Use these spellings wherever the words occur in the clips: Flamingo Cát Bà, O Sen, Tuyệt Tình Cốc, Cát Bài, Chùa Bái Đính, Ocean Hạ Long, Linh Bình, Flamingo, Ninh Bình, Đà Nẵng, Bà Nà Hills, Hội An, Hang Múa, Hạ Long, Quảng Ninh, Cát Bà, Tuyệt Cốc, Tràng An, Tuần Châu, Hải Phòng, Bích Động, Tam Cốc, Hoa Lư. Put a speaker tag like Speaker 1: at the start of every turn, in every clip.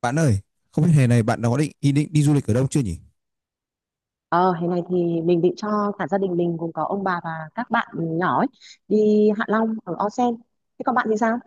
Speaker 1: Bạn ơi, không biết hè này bạn đã có định ý định đi du lịch ở đâu chưa nhỉ?
Speaker 2: Ờ, hè này thì mình định cho cả gia đình mình gồm có ông bà và các bạn nhỏ ấy, đi Hạ Long ở O Sen. Thế còn bạn thì sao?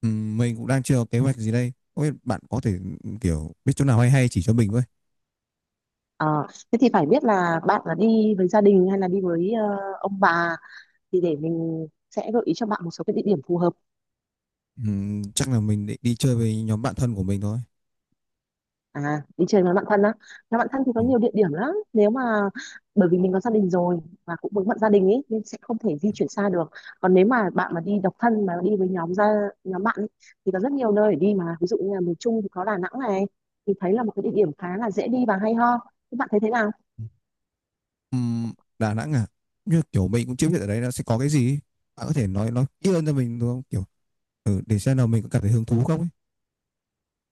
Speaker 1: Mình cũng đang chưa có kế hoạch gì đây. Không biết bạn có thể kiểu biết chỗ nào hay hay chỉ cho mình với.
Speaker 2: Ờ, thế thì phải biết là bạn là đi với gia đình hay là đi với ông bà thì để mình sẽ gợi ý cho bạn một số cái địa điểm phù hợp.
Speaker 1: Chắc là mình định đi chơi với nhóm bạn thân của mình thôi.
Speaker 2: À, đi chơi với bạn thân á. Nhà bạn thân thì có
Speaker 1: Ừm.
Speaker 2: nhiều địa điểm lắm. Nếu mà bởi vì mình có gia đình rồi và cũng vướng bận gia đình ấy nên sẽ không thể di chuyển xa được. Còn nếu mà bạn mà đi độc thân mà đi với nhóm bạn ấy, thì có rất nhiều nơi để đi mà. Ví dụ như là miền Trung thì có Đà Nẵng này thì thấy là một cái địa điểm khá là dễ đi và hay ho. Các bạn thấy thế nào?
Speaker 1: Ừm, Đà Nẵng à? Như kiểu mình cũng chưa biết ở đấy nó sẽ có cái gì ấy. Bạn có thể nói kỹ hơn cho mình được không? Kiểu để xem nào mình có cảm thấy hứng thú không ấy.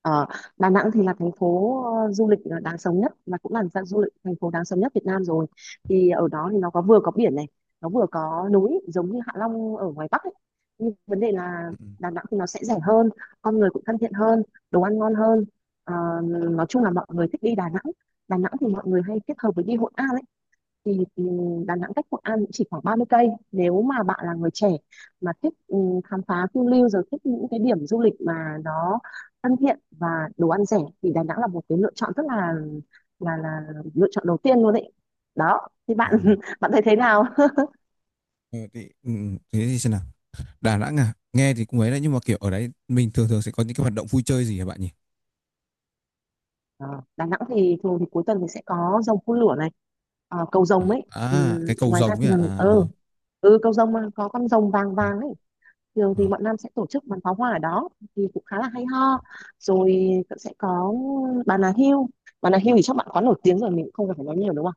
Speaker 2: Ờ, Đà Nẵng thì là thành phố du lịch đáng sống nhất và cũng là dạng du lịch thành phố đáng sống nhất Việt Nam rồi. Thì ở đó thì nó có vừa có biển này, nó vừa có núi giống như Hạ Long ở ngoài Bắc ấy. Nhưng vấn đề là
Speaker 1: Ừm.
Speaker 2: Đà Nẵng thì nó sẽ rẻ hơn, con người cũng thân thiện hơn, đồ ăn ngon hơn. Ờ, nói chung là mọi người thích đi Đà Nẵng. Đà Nẵng thì mọi người hay kết hợp với đi Hội An ấy thì ừ, Đà Nẵng cách Hội An cũng chỉ khoảng 30 cây nếu mà bạn là người trẻ mà thích khám phá phiêu lưu rồi thích những cái điểm du lịch mà nó thân thiện và đồ ăn rẻ thì Đà Nẵng là một cái lựa chọn rất là là là lựa chọn đầu tiên luôn đấy đó thì
Speaker 1: Ờ,
Speaker 2: bạn
Speaker 1: ờ, ừ,
Speaker 2: bạn thấy thế nào.
Speaker 1: ờ, thì, thế thì xem nào. Đà Nẵng à? Nghe thì cũng ấy đấy, nhưng mà kiểu ở đấy mình thường thường sẽ có những cái hoạt động vui chơi gì hả bạn nhỉ?
Speaker 2: Ờ, Đà Nẵng thì thường thì cuối tuần thì sẽ có rồng phun lửa này, cầu rồng ấy. ừ,
Speaker 1: À, cái cầu
Speaker 2: ngoài ra
Speaker 1: rồng ấy
Speaker 2: thì
Speaker 1: à?
Speaker 2: mình
Speaker 1: À rồi.
Speaker 2: ừ, ừ cầu rồng mà có con rồng vàng
Speaker 1: Ừ.
Speaker 2: vàng ấy, thường thì bọn Nam sẽ tổ chức bắn pháo hoa ở đó thì cũng khá là hay ho. Rồi cũng sẽ có Bà Nà Hills. Bà Nà Hills thì chắc bạn có nổi tiếng rồi mình cũng không cần phải nói nhiều đúng không,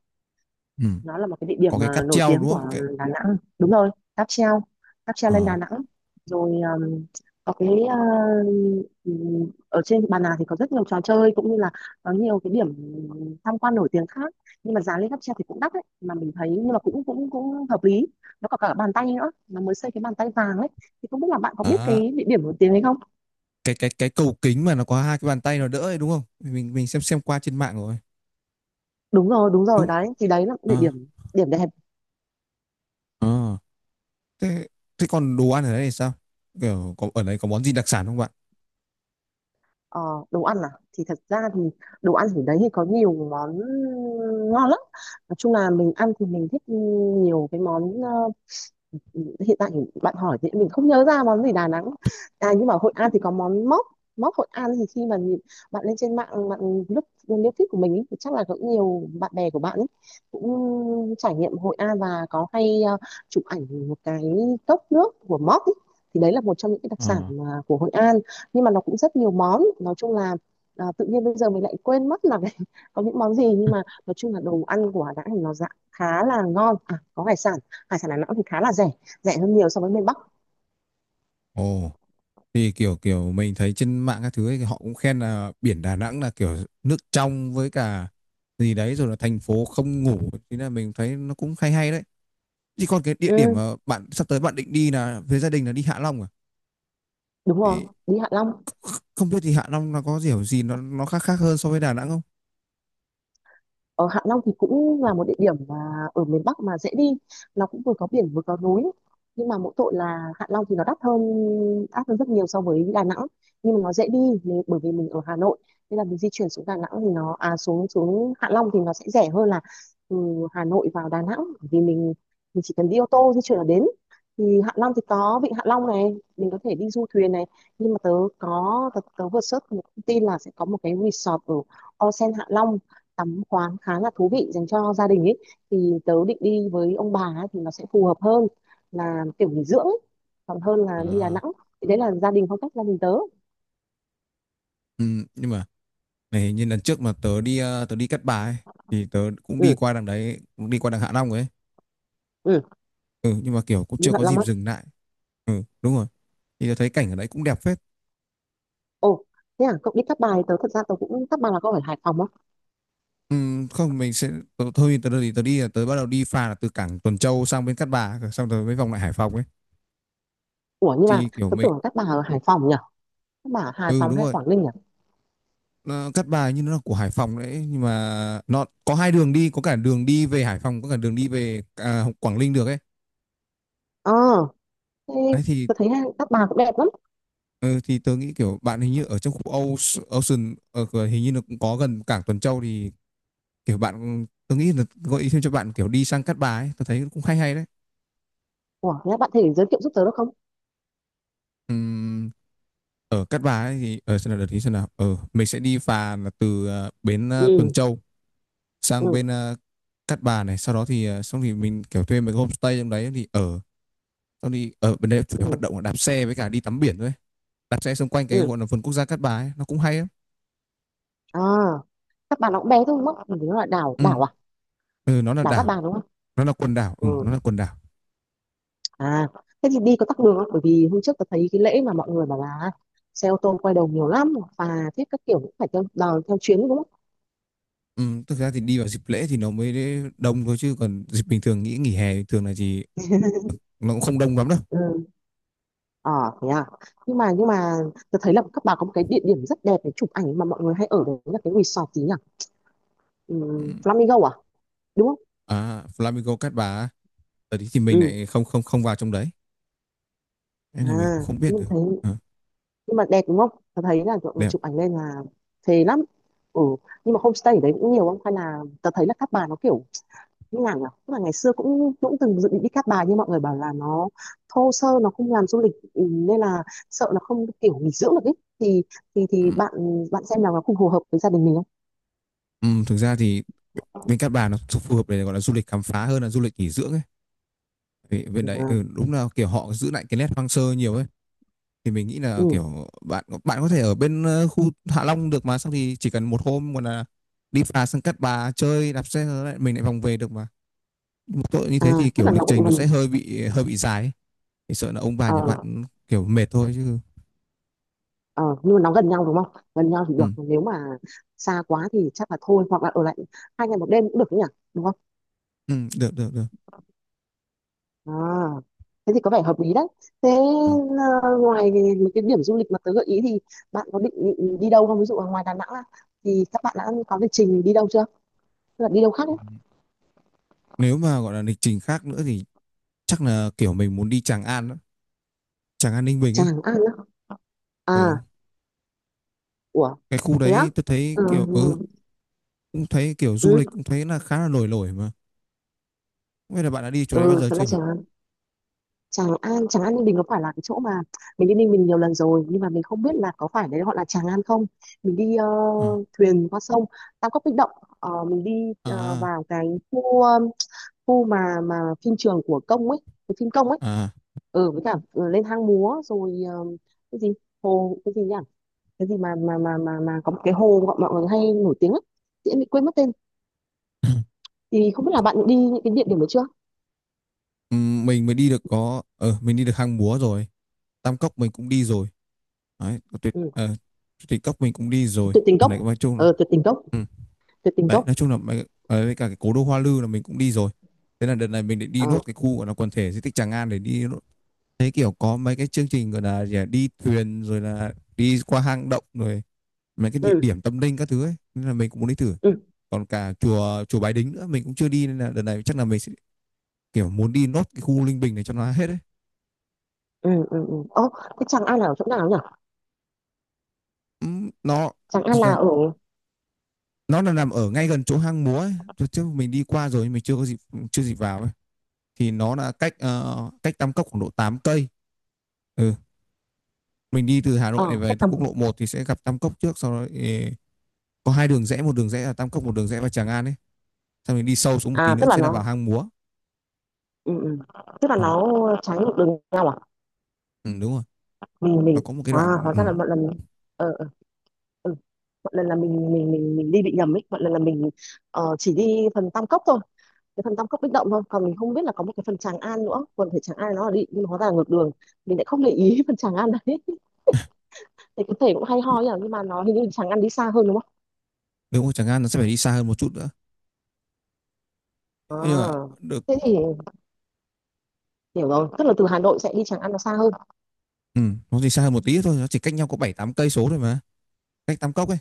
Speaker 1: Ừ.
Speaker 2: nó là một cái địa điểm
Speaker 1: Có cái
Speaker 2: mà
Speaker 1: cáp
Speaker 2: nổi
Speaker 1: treo
Speaker 2: tiếng
Speaker 1: đúng
Speaker 2: của
Speaker 1: không? Cái
Speaker 2: Đà Nẵng. Đúng rồi, cáp treo, cáp treo
Speaker 1: ờ.
Speaker 2: lên Đà Nẵng rồi. Có ở trên Bà Nà thì có rất nhiều trò chơi cũng như là có nhiều cái điểm tham quan nổi tiếng khác, nhưng mà giá lên cáp treo thì cũng đắt đấy mà mình thấy nhưng mà cũng cũng cũng hợp lý. Nó có cả bàn tay nữa, nó mới xây cái bàn tay vàng ấy thì không biết là bạn có biết
Speaker 1: Đó.
Speaker 2: cái địa điểm nổi tiếng đấy không.
Speaker 1: Cái cầu kính mà nó có hai cái bàn tay nó đỡ ấy, đúng không? Mình xem qua trên mạng rồi,
Speaker 2: Đúng rồi
Speaker 1: đúng.
Speaker 2: đấy, thì đấy là địa
Speaker 1: ờ
Speaker 2: điểm điểm đẹp.
Speaker 1: ờ thế thế còn đồ ăn ở đây thì sao? Kiểu có ở đây có món gì đặc sản không bạn?
Speaker 2: Ờ, đồ ăn à, thì thật ra thì đồ ăn ở đấy thì có nhiều món ngon lắm, nói chung là mình ăn thì mình thích nhiều cái món. Ờ, Hiện tại bạn hỏi thì mình không nhớ ra món gì Đà Nẵng, à nhưng mà Hội An thì có món móc. Móc Hội An thì khi mà nhìn- Bạn lên trên mạng bạn lúc nếu thích của mình ý, thì chắc là cũng nhiều bạn bè của bạn ấy cũng trải nghiệm Hội An và có hay chụp ảnh một cái cốc nước của móc ý. Thì đấy là một trong những cái đặc sản
Speaker 1: Ờ.
Speaker 2: mà của Hội An, nhưng mà nó cũng rất nhiều món nói chung là, à, tự nhiên bây giờ mình lại quên mất là có những món gì, nhưng mà nói chung là đồ ăn của Đà Nẵng thì nó dạng khá là ngon. À, có hải sản, hải sản Đà Nẵng thì khá là rẻ, rẻ hơn nhiều so với miền Bắc.
Speaker 1: Ồ, thì kiểu kiểu mình thấy trên mạng các thứ ấy, thì họ cũng khen là biển Đà Nẵng là kiểu nước trong với cả gì đấy, rồi là thành phố không ngủ, thế là mình thấy nó cũng hay hay đấy. Chỉ còn cái địa điểm
Speaker 2: Ừm,
Speaker 1: mà bạn sắp tới bạn định đi là với gia đình là đi Hạ Long à?
Speaker 2: đúng rồi,
Speaker 1: Thì
Speaker 2: đi Hạ Long.
Speaker 1: không biết thì Hạ Long nó có kiểu gì, nó khác khác hơn so với Đà Nẵng không?
Speaker 2: Ở Hạ Long thì cũng là một địa điểm mà ở miền Bắc mà dễ đi, nó cũng vừa có biển vừa có núi, nhưng mà mỗi tội là Hạ Long thì nó đắt hơn, đắt hơn rất nhiều so với Đà Nẵng, nhưng mà nó dễ đi. Nếu bởi vì mình ở Hà Nội nên là mình di chuyển xuống Đà Nẵng thì nó, à xuống xuống Hạ Long thì nó sẽ rẻ hơn là từ Hà Nội vào Đà Nẵng, bởi vì mình chỉ cần đi ô tô di chuyển là đến. Thì Hạ Long thì có vịnh Hạ Long này, mình có thể đi du thuyền này, nhưng mà tớ vừa search một thông tin là sẽ có một cái resort ở Ocean Hạ Long, tắm khoáng khá là thú vị dành cho gia đình ấy, thì tớ định đi với ông bà ấy, thì nó sẽ phù hợp hơn, là kiểu nghỉ dưỡng ấy, còn hơn là đi Đà
Speaker 1: À,
Speaker 2: Nẵng. Thì đấy là gia đình phong cách gia đình tớ.
Speaker 1: ừ, nhưng mà này, như lần trước mà tớ đi tớ đi Cát Bà ấy, thì tớ cũng đi
Speaker 2: Ừ,
Speaker 1: qua đằng đấy, cũng đi qua đằng Hạ Long ấy.
Speaker 2: ừ,
Speaker 1: Ừ, nhưng mà kiểu cũng
Speaker 2: đi
Speaker 1: chưa
Speaker 2: Hạ
Speaker 1: có dịp
Speaker 2: Long á.
Speaker 1: dừng lại. Ừ, đúng rồi. Thì tớ thấy cảnh ở đấy cũng đẹp phết.
Speaker 2: Ồ, thế à, cậu đi Cát Bài. Tớ thật ra tớ cũng Cát Bài là có ở Hải Phòng á.
Speaker 1: Ừ, không mình sẽ tớ, thôi Tớ đi, tớ đi là tớ bắt đầu đi phà là từ cảng Tuần Châu sang bên Cát Bà, xong rồi mới vòng lại Hải Phòng ấy,
Speaker 2: Ủa nhưng mà
Speaker 1: thì kiểu
Speaker 2: tớ
Speaker 1: mình,
Speaker 2: tưởng là Cát Bà ở Hải Phòng nhỉ, Cát Bà ở Hải
Speaker 1: ừ,
Speaker 2: Phòng
Speaker 1: đúng
Speaker 2: hay
Speaker 1: rồi.
Speaker 2: Quảng Ninh nhỉ.
Speaker 1: Ờ, Cát Bài như nó là của Hải Phòng đấy, nhưng mà nó có hai đường đi, có cả đường đi về Hải Phòng, có cả đường đi về Quảng Ninh được ấy.
Speaker 2: Ờ, thế
Speaker 1: Đấy thì
Speaker 2: tớ thấy Cát Bà cũng đẹp lắm.
Speaker 1: ờ, thì tớ nghĩ kiểu bạn hình như ở trong khu Ocean ở hình như nó cũng có gần cảng Tuần Châu, thì kiểu bạn, tớ nghĩ là gợi ý thêm cho bạn kiểu đi sang Cát Bà ấy, tớ thấy cũng hay hay đấy.
Speaker 2: Ủa thế bạn thể giới thiệu giúp tớ được không.
Speaker 1: Ừm, ở Cát Bà ấy thì ở, xem nào, đợt thì xem nào, ở mình sẽ đi phà là từ bến Tuần
Speaker 2: ừ
Speaker 1: Châu sang
Speaker 2: ừ
Speaker 1: bên Cát Bà này. Sau đó thì xong thì mình kiểu thuê mấy cái homestay trong đấy thì ở, xong thì ở bên đấy chủ yếu hoạt
Speaker 2: ừ
Speaker 1: động là đạp xe với cả đi tắm biển thôi. Đạp xe xung quanh cái
Speaker 2: ừ
Speaker 1: gọi là vườn quốc gia Cát Bà ấy, nó cũng hay lắm.
Speaker 2: À, Cát Bà nó cũng bé thôi mất, nó là đảo,
Speaker 1: Ừ.
Speaker 2: đảo à,
Speaker 1: Ừ, nó là
Speaker 2: đảo Cát
Speaker 1: đảo,
Speaker 2: Bà đúng không.
Speaker 1: nó là quần đảo, ừ, nó
Speaker 2: Ừ.
Speaker 1: là quần đảo.
Speaker 2: À, thế thì đi có tắc đường không? Bởi vì hôm trước tôi thấy cái lễ mà mọi người bảo là xe ô tô quay đầu nhiều lắm, phà thiết các kiểu cũng phải theo đò, theo chuyến đúng không?
Speaker 1: Ừ, thực ra thì đi vào dịp lễ thì nó mới đông thôi, chứ còn dịp bình thường, nghĩ nghỉ hè bình thường là gì, nó cũng không đông lắm đâu.
Speaker 2: Ừ. Ờ, thế à. Nhưng mà tôi thấy là các bà có một cái địa điểm rất đẹp để chụp ảnh mà mọi người hay ở đấy là cái resort gì nhỉ? Ừ,
Speaker 1: Ừ.
Speaker 2: Flamingo à? Đúng không?
Speaker 1: À, Flamingo Cát Bà á, ở đấy thì mình
Speaker 2: Ừ.
Speaker 1: lại không không không vào trong đấy, nên là mình cũng
Speaker 2: À,
Speaker 1: không biết
Speaker 2: nhưng
Speaker 1: được.
Speaker 2: thấy,
Speaker 1: Ờ,
Speaker 2: nhưng mà đẹp đúng không? Tôi thấy là mọi người
Speaker 1: đẹp.
Speaker 2: chụp ảnh lên là thế lắm. Ừ, nhưng mà homestay ở đấy cũng nhiều không? Hay là tôi thấy là các bà nó kiểu như nào nhỉ? Tức là ngày xưa cũng cũng từng dự định đi Cát Bà nhưng mọi người bảo là nó thô sơ, nó không làm du lịch, ừ, nên là sợ nó không kiểu nghỉ dưỡng được ấy. Thì
Speaker 1: Ừ.
Speaker 2: thì bạn bạn xem là nó không phù hợp với gia đình mình
Speaker 1: Ừ, thực ra thì
Speaker 2: không?
Speaker 1: bên Cát Bà nó phù hợp để gọi là du lịch khám phá hơn là du lịch nghỉ dưỡng ấy, vì bên đấy, ừ,
Speaker 2: Ừ,
Speaker 1: đúng là kiểu họ giữ lại cái nét hoang sơ nhiều ấy. Thì mình nghĩ là
Speaker 2: ừ.
Speaker 1: kiểu bạn bạn có thể ở bên khu Hạ Long được mà, xong thì chỉ cần một hôm còn là đi phà sang Cát Bà chơi đạp xe rồi lại mình lại vòng về được mà. Một tội như
Speaker 2: À,
Speaker 1: thế thì
Speaker 2: tức
Speaker 1: kiểu
Speaker 2: là
Speaker 1: lịch
Speaker 2: nó
Speaker 1: trình
Speaker 2: cũng
Speaker 1: nó
Speaker 2: gần.
Speaker 1: sẽ hơi bị dài ấy. Thì sợ là ông bà nhà bạn
Speaker 2: ờ
Speaker 1: kiểu mệt thôi chứ.
Speaker 2: ờ, nhưng mà nó gần nhau đúng không? Gần nhau thì được,
Speaker 1: Ừ,
Speaker 2: nếu mà xa quá thì chắc là thôi, hoặc là ở lại 2 ngày 1 đêm cũng được nhỉ? Đúng không?
Speaker 1: ừ, được được được.
Speaker 2: À, thế thì có vẻ hợp lý đấy. Thế
Speaker 1: Ừ.
Speaker 2: ngoài mấy cái điểm du lịch mà tớ gợi ý thì bạn có định định đi đâu không? Ví dụ là ngoài Đà Nẵng ra thì các bạn đã có lịch trình đi đâu chưa? Tức là đi đâu khác ấy?
Speaker 1: Nếu mà gọi là lịch trình khác nữa thì chắc là kiểu mình muốn đi Tràng An đó. Tràng An Ninh Bình ấy.
Speaker 2: Tràng An á.
Speaker 1: Ồ.
Speaker 2: À, ủa,
Speaker 1: Cái khu
Speaker 2: thế á?
Speaker 1: đấy tôi thấy
Speaker 2: Ừ,
Speaker 1: kiểu, ừ, cũng thấy kiểu du
Speaker 2: ừ,
Speaker 1: lịch, cũng thấy là khá là nổi nổi mà, không biết là bạn đã đi chỗ đấy bao
Speaker 2: ừ,
Speaker 1: giờ
Speaker 2: thật
Speaker 1: chưa
Speaker 2: ra
Speaker 1: nhỉ?
Speaker 2: Tràng An. Tràng An Ninh Bình có phải là cái chỗ mà mình đi Ninh Bình nhiều lần rồi nhưng mà mình không biết là có phải đấy gọi là Tràng An không. Mình đi
Speaker 1: À,
Speaker 2: thuyền qua sông Tam Cốc Bích Động. Ờ, mình đi
Speaker 1: à,
Speaker 2: vào cái khu khu mà phim trường của công ấy, cái phim công ấy,
Speaker 1: à.
Speaker 2: ừ với cả lên hang múa rồi, ờ, cái gì hồ cái gì nhỉ, cái gì mà có một cái hồ mọi mọi người hay nổi tiếng ấy, chị em bị quên mất tên, thì không biết là bạn đi những cái địa điểm đấy chưa.
Speaker 1: Mình mới đi được có mình đi được Hang Múa rồi, Tam Cốc mình cũng đi rồi, đấy có tuyệt,
Speaker 2: Ừ,
Speaker 1: ờ, Tuyệt Cốc mình cũng đi rồi
Speaker 2: tuyệt tình
Speaker 1: ở
Speaker 2: cốc
Speaker 1: này, nói chung là,
Speaker 2: tuyệt tình cốc,
Speaker 1: ừ,
Speaker 2: tuyệt tình
Speaker 1: đấy
Speaker 2: cốc.
Speaker 1: nói chung là với cả cái cố đô Hoa Lư là mình cũng đi rồi. Thế là đợt này mình định đi
Speaker 2: Ờ,
Speaker 1: nốt cái khu gọi là quần thể di tích Tràng An để đi nốt. Thế kiểu có mấy cái chương trình gọi là gì, à, đi thuyền rồi là đi qua hang động rồi mấy cái địa
Speaker 2: ừ
Speaker 1: điểm tâm linh các thứ ấy, nên là mình cũng muốn đi thử.
Speaker 2: ừ
Speaker 1: Còn cả chùa chùa Bái Đính nữa mình cũng chưa đi, nên là đợt này chắc là mình sẽ kiểu muốn đi nốt cái khu Linh Bình này cho nó hết đấy.
Speaker 2: ừ. Ồ, cái Tràng An là ở chỗ nào nhỉ,
Speaker 1: nó
Speaker 2: Tràng An là ở,
Speaker 1: nó là nằm ở ngay gần chỗ hang múa ấy. Trước mình đi qua rồi nhưng mình chưa có dịp, chưa dịp vào ấy. Thì nó là cách cách Tam Cốc khoảng độ 8 cây. Ừ. Mình đi từ Hà Nội này
Speaker 2: ở
Speaker 1: về
Speaker 2: cách tầm,
Speaker 1: quốc lộ 1 thì sẽ gặp Tam Cốc trước, sau đó, ê, có hai đường rẽ, một đường rẽ là Tam Cốc, một đường rẽ vào Tràng An ấy. Sau mình đi sâu xuống một tí
Speaker 2: à
Speaker 1: nữa
Speaker 2: tức là
Speaker 1: sẽ là vào
Speaker 2: nó,
Speaker 1: hang múa.
Speaker 2: ừ, ừ, tức là
Speaker 1: Ừ.
Speaker 2: nó trái ngược đường nhau à.
Speaker 1: Ừ, đúng rồi, nó
Speaker 2: Mình
Speaker 1: có một cái
Speaker 2: à
Speaker 1: đoạn,
Speaker 2: Hóa
Speaker 1: ừ.
Speaker 2: ra là một lần. ờ ờ, ừ. Mọi lần là mình đi bị nhầm ấy, mọi lần là mình chỉ đi phần Tam Cốc thôi, cái phần Tam Cốc Bích Động thôi, còn mình không biết là có một cái phần Tràng An nữa, quần thể Tràng An nó là đi nhưng mà hóa ra là ngược đường, mình lại không để ý phần Tràng An đấy, thì có thể cũng hay ho nhỉ, nhưng mà nó hình như Tràng An đi xa hơn đúng không?
Speaker 1: Nếu mà chẳng hạn nó sẽ phải đi xa hơn một chút nữa.
Speaker 2: À,
Speaker 1: Nhưng mà được.
Speaker 2: thế thì hiểu rồi, tức là từ Hà Nội sẽ đi Tràng An nó xa hơn.
Speaker 1: Ừ, nó đi xa hơn một tí thôi, nó chỉ cách nhau có 7-8 cây số thôi mà. Cách Tam Cốc ấy.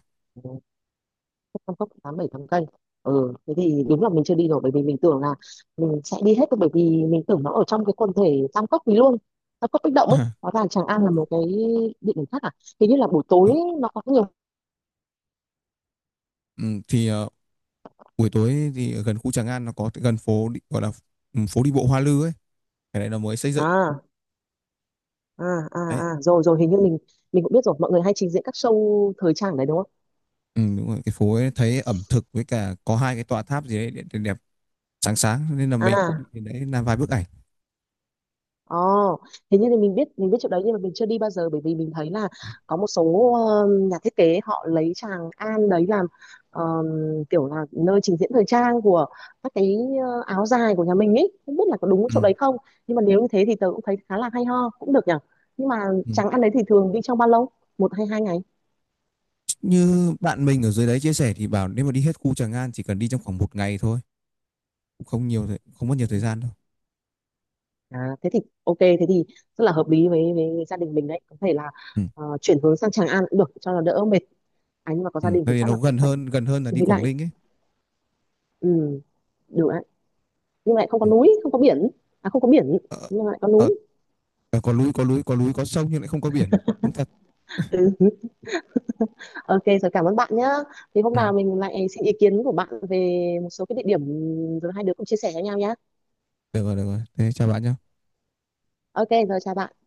Speaker 2: Tam Cốc 8 7 tháng cây, ừ thế thì đúng là mình chưa đi rồi, bởi vì mình tưởng là mình sẽ đi hết thôi, bởi vì mình tưởng nó ở trong cái quần thể Tam Cốc thì luôn, Tam Cốc Bích Động ấy, hóa ra Tràng An là một cái địa điểm khác à. Hình như là buổi tối nó có nhiều,
Speaker 1: Ừ, thì buổi tối thì ở gần khu Tràng An nó có gần phố đi, gọi là, ừ, phố đi bộ Hoa Lư ấy, cái này nó mới xây dựng.
Speaker 2: à à
Speaker 1: Đấy.
Speaker 2: rồi rồi hình như mình cũng biết rồi, mọi người hay trình diễn các show thời trang ở đấy đúng không.
Speaker 1: Ừ, đúng rồi, cái phố ấy thấy ẩm thực với cả có hai cái tòa tháp gì đấy đẹp, đẹp sáng sáng, nên là mình
Speaker 2: À,
Speaker 1: cũng nhìn đấy làm vài bức ảnh.
Speaker 2: ồ, thế nhưng thì mình biết chỗ đấy nhưng mà mình chưa đi bao giờ, bởi vì mình thấy là có một số nhà thiết kế họ lấy Tràng An đấy làm ờ, kiểu là nơi trình diễn thời trang của các cái áo dài của nhà mình ấy, không biết là có đúng
Speaker 1: Ừ.
Speaker 2: chỗ đấy không. Nhưng mà nếu như thế thì tớ cũng thấy khá là hay ho cũng được nhở. Nhưng mà
Speaker 1: Ừ.
Speaker 2: Tràng An đấy thì thường đi trong bao lâu, 1 hay 2 ngày.
Speaker 1: Như bạn mình ở dưới đấy chia sẻ thì bảo nếu mà đi hết khu Tràng An chỉ cần đi trong khoảng một ngày thôi, cũng không nhiều không mất nhiều
Speaker 2: Ừ.
Speaker 1: thời gian đâu.
Speaker 2: À thế thì ok, thế thì rất là hợp lý với gia đình mình đấy, có thể là
Speaker 1: Ừ.
Speaker 2: chuyển hướng sang Tràng An cũng được cho nó đỡ mệt. À nhưng mà có
Speaker 1: Ừ,
Speaker 2: gia đình thì
Speaker 1: tại vì
Speaker 2: chắc
Speaker 1: nó
Speaker 2: là cũng
Speaker 1: gần
Speaker 2: phải
Speaker 1: hơn gần hơn là
Speaker 2: suy
Speaker 1: đi
Speaker 2: nghĩ
Speaker 1: Quảng
Speaker 2: lại.
Speaker 1: Ninh ấy.
Speaker 2: Ừ, đúng ạ. Nhưng mà lại không có
Speaker 1: Ừ.
Speaker 2: núi, không có biển. À không có biển,
Speaker 1: Ờ,
Speaker 2: nhưng mà lại có
Speaker 1: ờ,
Speaker 2: núi.
Speaker 1: ờ, có núi, có núi, có sông, nhưng lại không có biển, cũng thật.
Speaker 2: Ừ. Ok, rồi cảm ơn bạn nhá. Thì hôm
Speaker 1: Ừ.
Speaker 2: nào mình lại xin ý kiến của bạn về một số cái địa điểm, rồi hai đứa cùng chia sẻ với nhau nhá.
Speaker 1: Được rồi, được rồi, thế chào bạn nhé.
Speaker 2: Ok, rồi chào bạn.